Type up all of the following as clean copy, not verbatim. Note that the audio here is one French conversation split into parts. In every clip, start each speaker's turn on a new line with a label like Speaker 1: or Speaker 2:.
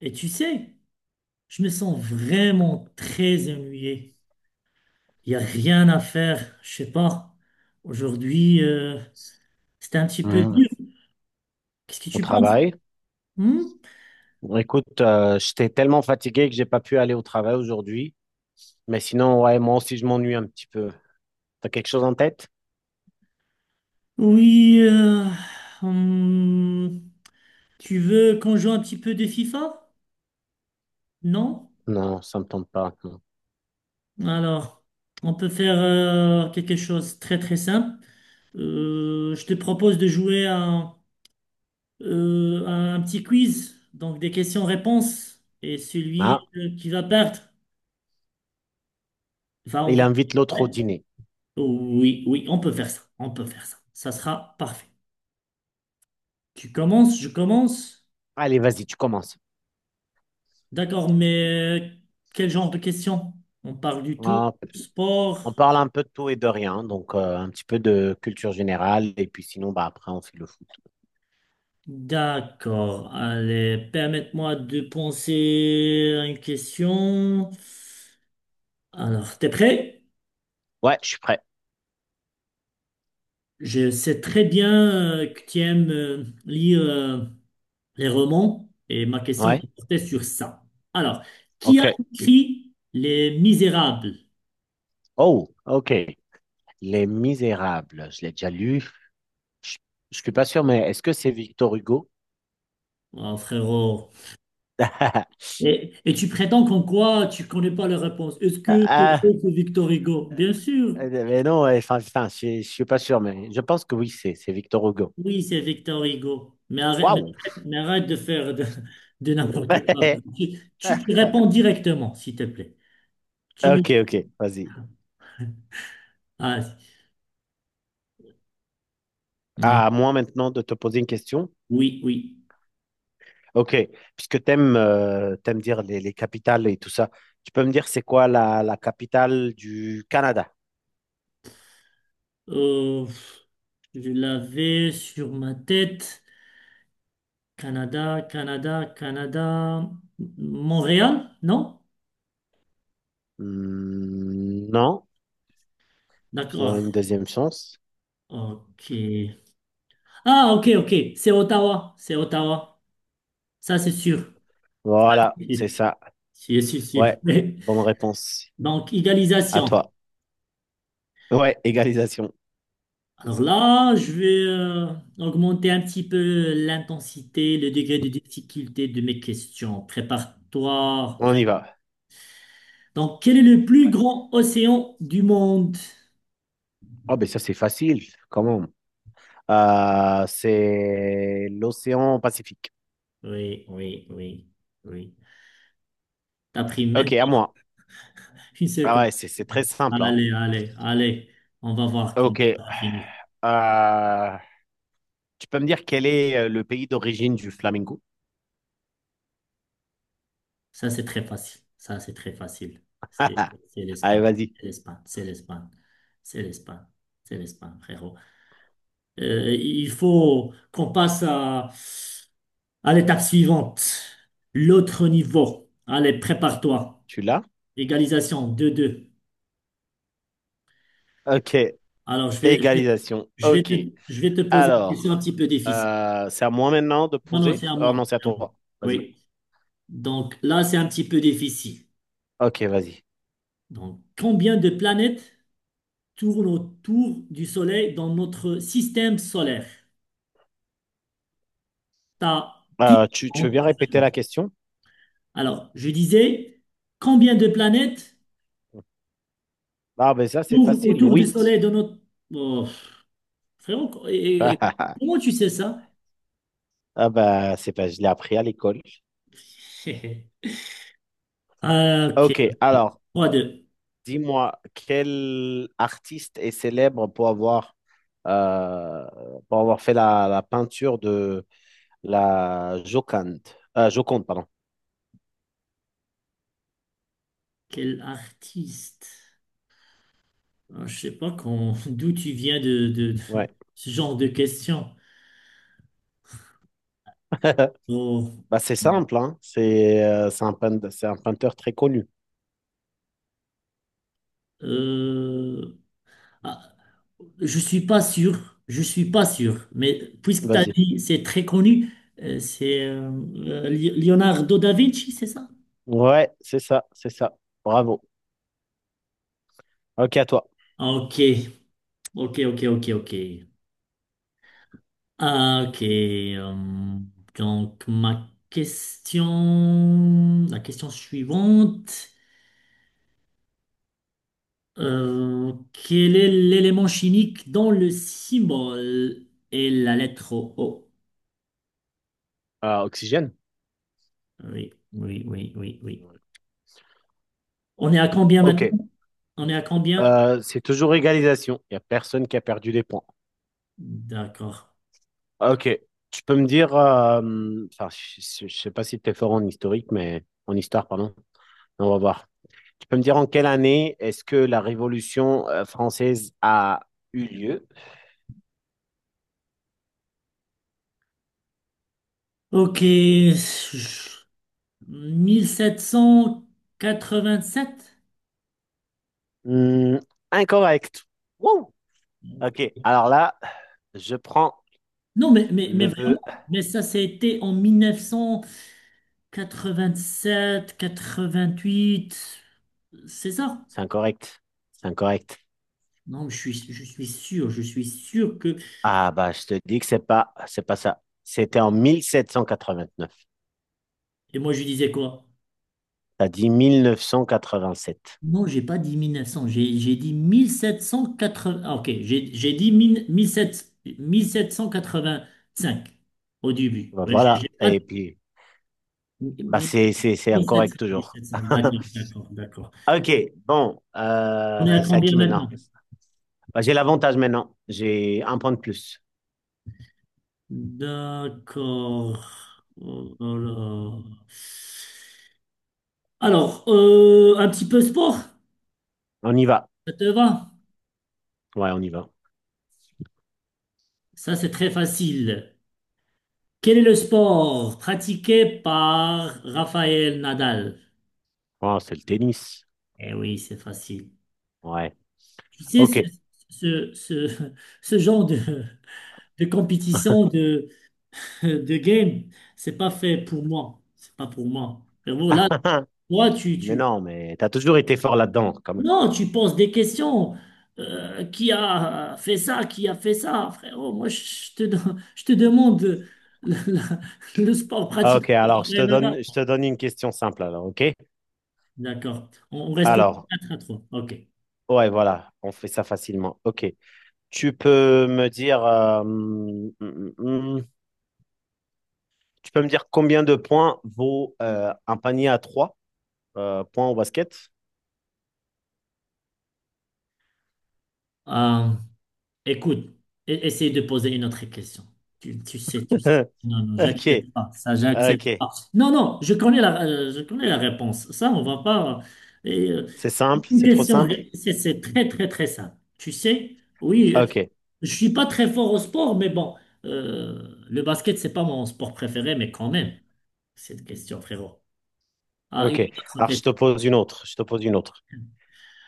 Speaker 1: Et tu sais, je me sens vraiment très ennuyé. Il n'y a rien à faire, je sais pas. Aujourd'hui, c'était un petit peu
Speaker 2: Mmh.
Speaker 1: dur. Qu'est-ce que
Speaker 2: Au
Speaker 1: tu penses?
Speaker 2: travail.
Speaker 1: Hmm.
Speaker 2: Écoute, j'étais tellement fatigué que j'ai pas pu aller au travail aujourd'hui. Mais sinon, ouais, moi aussi, je m'ennuie un petit peu. T'as quelque chose en tête?
Speaker 1: Oui, hmm, tu veux qu'on joue un petit peu de FIFA? Non?
Speaker 2: Non, ça me tente pas, non.
Speaker 1: Alors, on peut faire quelque chose de très très simple. Je te propose de jouer à un petit quiz, donc des questions-réponses. Et celui
Speaker 2: Ah,
Speaker 1: qui va perdre. Enfin, on
Speaker 2: il
Speaker 1: va...
Speaker 2: invite l'autre au
Speaker 1: ouais.
Speaker 2: dîner.
Speaker 1: Oui, oui, on peut faire ça. On peut faire ça. Ça sera parfait. Tu commences, je commence.
Speaker 2: Allez, vas-y, tu commences.
Speaker 1: D'accord, mais quel genre de questions? On parle du tout.
Speaker 2: Ah, on
Speaker 1: Sport.
Speaker 2: parle un peu de tout et de rien, donc un petit peu de culture générale, et puis sinon, bah après, on fait le foot.
Speaker 1: D'accord. Allez, permette-moi de penser à une question. Alors, t'es prêt?
Speaker 2: Ouais, je suis prêt.
Speaker 1: Je sais très bien que tu aimes lire les romans et ma question
Speaker 2: Ouais,
Speaker 1: portait sur ça. Alors, qui
Speaker 2: ok.
Speaker 1: a écrit Les Misérables?
Speaker 2: Oh, ok. Les Misérables, je l'ai déjà lu. Je, je suis pas sûr, mais est-ce que c'est Victor Hugo?
Speaker 1: Ah, frérot. Et tu prétends qu'en quoi tu connais pas la réponse? Est-ce que c'est vrai, c'est Victor Hugo? Bien sûr.
Speaker 2: Mais non, ouais, enfin, je suis pas sûr, mais je pense que oui, c'est Victor Hugo.
Speaker 1: Oui, c'est Victor Hugo. Mais arrête, mais
Speaker 2: Waouh!
Speaker 1: arrête- mais arrête de faire de n'importe quoi. Tu réponds directement, s'il te plaît. Tu me dis,
Speaker 2: Ok, ok, vas-y.
Speaker 1: ah, ah,
Speaker 2: À moi maintenant de te poser une question.
Speaker 1: oui, oui.
Speaker 2: Ok, puisque t'aimes dire les capitales et tout ça, tu peux me dire c'est quoi la capitale du Canada?
Speaker 1: Euh, je l'avais sur ma tête. Canada, Canada, Canada. Montréal? Non?
Speaker 2: Hmm, non, je te donne
Speaker 1: D'accord.
Speaker 2: une deuxième chance.
Speaker 1: Ok. Ah, ok, ok. C'est Ottawa. C'est Ottawa. Ça, c'est sûr.
Speaker 2: Voilà, c'est
Speaker 1: Oui,
Speaker 2: ça.
Speaker 1: c'est sûr, sûr.
Speaker 2: Ouais,
Speaker 1: Oui.
Speaker 2: bonne réponse.
Speaker 1: Donc,
Speaker 2: À
Speaker 1: égalisation.
Speaker 2: toi. Ouais, égalisation.
Speaker 1: Alors là, je vais augmenter un petit peu l'intensité, le degré de difficulté de mes questions. Prépare-toi,
Speaker 2: On
Speaker 1: frère.
Speaker 2: y va.
Speaker 1: Donc, quel est le
Speaker 2: Je suis
Speaker 1: plus
Speaker 2: prêt.
Speaker 1: grand océan du monde?
Speaker 2: Oh, ben ça c'est facile, comment. C'est l'océan Pacifique.
Speaker 1: Oui, oui, oui, oui. T'as pris même
Speaker 2: Ok, à
Speaker 1: pas
Speaker 2: moi.
Speaker 1: une
Speaker 2: Ah
Speaker 1: seconde.
Speaker 2: ouais, c'est très simple, hein.
Speaker 1: Allez, allez, allez. On va voir comment
Speaker 2: Ok,
Speaker 1: ça va finir.
Speaker 2: euh, tu peux me dire quel est le pays d'origine du flamingo?
Speaker 1: Ça, c'est très facile. Ça, c'est très facile. C'est c'est
Speaker 2: Allez,
Speaker 1: l'Espagne.
Speaker 2: vas-y.
Speaker 1: C'est l'Espagne. C'est l'Espagne. C'est l'Espagne. C'est l'Espagne, frérot. Il faut qu'on passe à l'étape suivante. L'autre niveau. Allez, prépare-toi.
Speaker 2: Tu l'as?
Speaker 1: Égalisation 2-2.
Speaker 2: Ok.
Speaker 1: Alors, je vais, je vais,
Speaker 2: Égalisation. Ok.
Speaker 1: je vais te poser une
Speaker 2: Alors,
Speaker 1: question un petit peu difficile.
Speaker 2: c'est à moi maintenant de
Speaker 1: Non, non, c'est
Speaker 2: poser?
Speaker 1: à
Speaker 2: Oh
Speaker 1: moi.
Speaker 2: non, c'est à
Speaker 1: C'est à moi.
Speaker 2: toi. Vas-y.
Speaker 1: Oui. Donc là, c'est un petit peu difficile.
Speaker 2: Ok, vas-y.
Speaker 1: Donc, combien de planètes tourne autour du Soleil dans notre système solaire? T'as dix
Speaker 2: Tu veux
Speaker 1: ans.
Speaker 2: bien répéter la question?
Speaker 1: Alors, je disais, combien de planètes
Speaker 2: Ah ben ça, c'est
Speaker 1: tournent
Speaker 2: facile.
Speaker 1: autour du Soleil
Speaker 2: 8.
Speaker 1: dans notre... Oh, frérot, comment tu sais ça?
Speaker 2: Ah ben c'est pas, je l'ai appris à l'école.
Speaker 1: Ah, ok,
Speaker 2: Ok, alors,
Speaker 1: Trois 2.
Speaker 2: dis-moi, quel artiste est célèbre euh, pour avoir fait la peinture de la Joconde? Joconde, pardon.
Speaker 1: Quel artiste? Ah, je sais pas d'où tu viens de
Speaker 2: Ouais.
Speaker 1: ce genre de questions. Oh,
Speaker 2: Bah, c'est simple, hein. C'est c'est un peintre très connu.
Speaker 1: euh, ah, je suis pas sûr, je suis pas sûr, mais puisque tu as
Speaker 2: Vas-y.
Speaker 1: dit c'est très connu, c'est Leonardo da Vinci, c'est ça?
Speaker 2: Ouais, c'est ça. Bravo. Ok, à toi.
Speaker 1: Ah, ok, ok, ok, ok, ok. Ah, ok, donc ma question, la question suivante, quel est l'élément chimique dont le symbole est la lettre O?
Speaker 2: Oxygène?
Speaker 1: Oui, oui, oui, oui, oui.
Speaker 2: Ouais.
Speaker 1: On est à combien
Speaker 2: Ok.
Speaker 1: maintenant? On est à combien?
Speaker 2: C'est toujours égalisation. Il n'y a personne qui a perdu des points.
Speaker 1: D'accord.
Speaker 2: Ah, ok, tu peux me dire, enfin, je ne sais pas si tu es fort en historique, mais en histoire, pardon. On va voir. Tu peux me dire en quelle année est-ce que la Révolution française a eu lieu?
Speaker 1: Ok, 1787?
Speaker 2: Hmm, incorrect. Wouh! Ok, alors là, je prends
Speaker 1: Non, mais
Speaker 2: le.
Speaker 1: vraiment, mais ça, c'était en 1987, quatre-vingt-huit. C'est ça?
Speaker 2: C'est incorrect. C'est incorrect.
Speaker 1: Non, je suis sûr que...
Speaker 2: Ah bah, je te dis que c'est pas ça. C'était en 1789.
Speaker 1: Et moi, je disais quoi?
Speaker 2: T'as dit 1987.
Speaker 1: Non, j'ai pas dit 1900, j'ai dit 1780... Ah, ok, j'ai dit 1000 1700 1785 au début.
Speaker 2: Bah,
Speaker 1: Ouais, j'ai
Speaker 2: voilà.
Speaker 1: pas
Speaker 2: Et puis, bah,
Speaker 1: dit...
Speaker 2: c'est incorrect
Speaker 1: 1700,
Speaker 2: toujours.
Speaker 1: 1700, d'accord, d'accord, d'accord.
Speaker 2: Ok, bon,
Speaker 1: On est à
Speaker 2: c'est à
Speaker 1: combien
Speaker 2: qui maintenant?
Speaker 1: maintenant?
Speaker 2: Bah, j'ai l'avantage maintenant. J'ai un point de plus.
Speaker 1: D'accord. Oh là là. Alors, un petit peu sport,
Speaker 2: On y va.
Speaker 1: ça te va?
Speaker 2: Ouais, on y va.
Speaker 1: Ça, c'est très facile. Quel est le sport pratiqué par Raphaël Nadal?
Speaker 2: Oh, c'est le tennis.
Speaker 1: Eh oui, c'est facile.
Speaker 2: Ouais.
Speaker 1: Tu sais,
Speaker 2: Ok.
Speaker 1: ce, ce, ce genre de compétition de game, c'est pas fait pour moi. C'est pas pour moi. Frérot, là, toi, tu,
Speaker 2: Mais
Speaker 1: tu...
Speaker 2: non, mais t'as toujours été fort là-dedans, quand même.
Speaker 1: Non, tu poses des questions. Qui a fait ça? Qui a fait ça? Frérot, moi, je te demande la- la- le sport
Speaker 2: Ah,
Speaker 1: pratique.
Speaker 2: ok, alors je te donne une question simple, alors, ok?
Speaker 1: D'accord. On reste toujours
Speaker 2: Alors,
Speaker 1: 4-3. OK.
Speaker 2: ouais, voilà, on fait ça facilement. Ok. Tu peux me dire, tu peux me dire combien de points vaut un panier à trois points au basket?
Speaker 1: Euh, Écoute, essaye de poser une autre question. Tu sais, tu sais.
Speaker 2: Hein,
Speaker 1: Non, non,
Speaker 2: ok,
Speaker 1: j'accepte pas. Ça, j'accepte
Speaker 2: ok.
Speaker 1: pas. Non, non, je connais la réponse. Ça, on va pas. Et,
Speaker 2: C'est simple,
Speaker 1: une
Speaker 2: c'est trop
Speaker 1: question,
Speaker 2: simple.
Speaker 1: c'est très, très, très simple. Tu sais, oui,
Speaker 2: Ok,
Speaker 1: je suis pas très fort au sport, mais bon, le basket, c'est pas mon sport préféré, mais quand même, cette question, frérot. Ah,
Speaker 2: ok.
Speaker 1: une autre
Speaker 2: Alors,
Speaker 1: question.
Speaker 2: Je te pose une autre.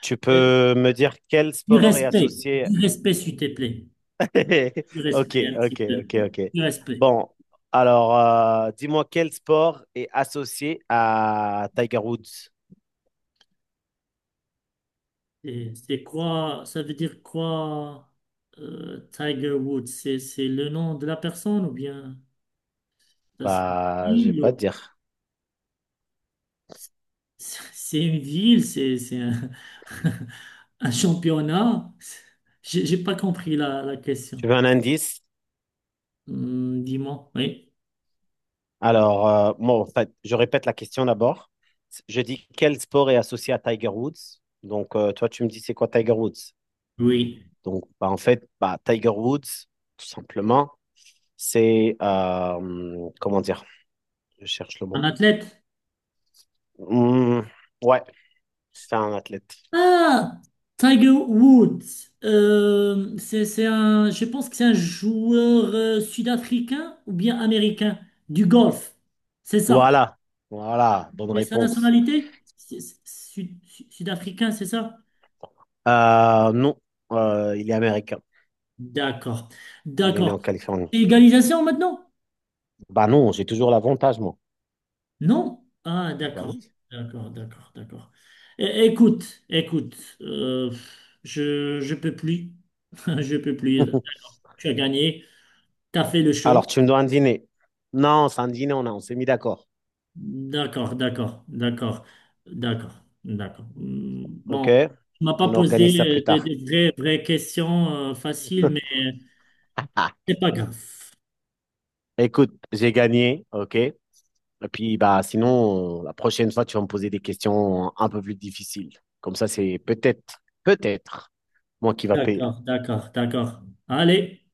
Speaker 2: Tu
Speaker 1: Euh,
Speaker 2: peux me dire quel
Speaker 1: du
Speaker 2: sport est
Speaker 1: respect,
Speaker 2: associé.
Speaker 1: du respect, s'il te plaît. Du
Speaker 2: Ok,
Speaker 1: respect, un petit
Speaker 2: ok,
Speaker 1: peu.
Speaker 2: ok, ok.
Speaker 1: Du respect.
Speaker 2: Bon, alors, dis-moi quel sport est associé à Tiger Woods?
Speaker 1: C'est quoi, ça veut dire quoi, Tiger Woods? C'est le nom de la personne ou bien ça, c'est une
Speaker 2: Bah, je vais
Speaker 1: ville?
Speaker 2: pas te dire.
Speaker 1: C'est une ville, un championnat? J'ai pas compris la
Speaker 2: Tu
Speaker 1: question.
Speaker 2: veux un indice?
Speaker 1: Hmm, dis-moi, oui.
Speaker 2: Alors, moi, en fait, je répète la question d'abord. Je dis quel sport est associé à Tiger Woods? Donc, toi, tu me dis c'est quoi Tiger Woods?
Speaker 1: Oui.
Speaker 2: Donc, bah, en fait, bah, Tiger Woods, tout simplement, c'est, comment dire? Je cherche le
Speaker 1: Un
Speaker 2: mot.
Speaker 1: athlète?
Speaker 2: Hum, ouais, c'est un athlète.
Speaker 1: Ah, Tiger Woods. Je pense que c'est un joueur sud-africain ou bien américain du golf. C'est ça.
Speaker 2: Voilà, voilà, bonne
Speaker 1: Mais sa
Speaker 2: réponse.
Speaker 1: nationalité, sud-africain, c'est ça?
Speaker 2: Non, il est américain.
Speaker 1: D'accord.
Speaker 2: Il est né
Speaker 1: D'accord.
Speaker 2: en Californie.
Speaker 1: C'est égalisation maintenant?
Speaker 2: Bah non, j'ai toujours l'avantage, moi.
Speaker 1: Non? Ah,
Speaker 2: Bah
Speaker 1: d'accord.
Speaker 2: oui.
Speaker 1: D'accord, d'accord, d'accord. Écoute, écoute, euh, je peux plus. Je peux plus. Tu as gagné, tu as fait le show.
Speaker 2: Alors, tu me dois un dîner. Non, c'est un dîner, on a, on s'est mis d'accord.
Speaker 1: D'accord, d'accord, d'accord, d'accord, d'accord. Bon,
Speaker 2: OK?
Speaker 1: tu m'as pas
Speaker 2: On
Speaker 1: posé
Speaker 2: organise ça plus
Speaker 1: des,
Speaker 2: tard.
Speaker 1: des vraies, vraies questions faciles, mais
Speaker 2: Ah,
Speaker 1: c'est pas grave.
Speaker 2: écoute, j'ai gagné. OK? Et puis, bah, sinon, la prochaine fois, tu vas me poser des questions un peu plus difficiles. Comme ça, c'est peut-être moi qui va payer.
Speaker 1: D'accord, d'accord, d'accord. Allez.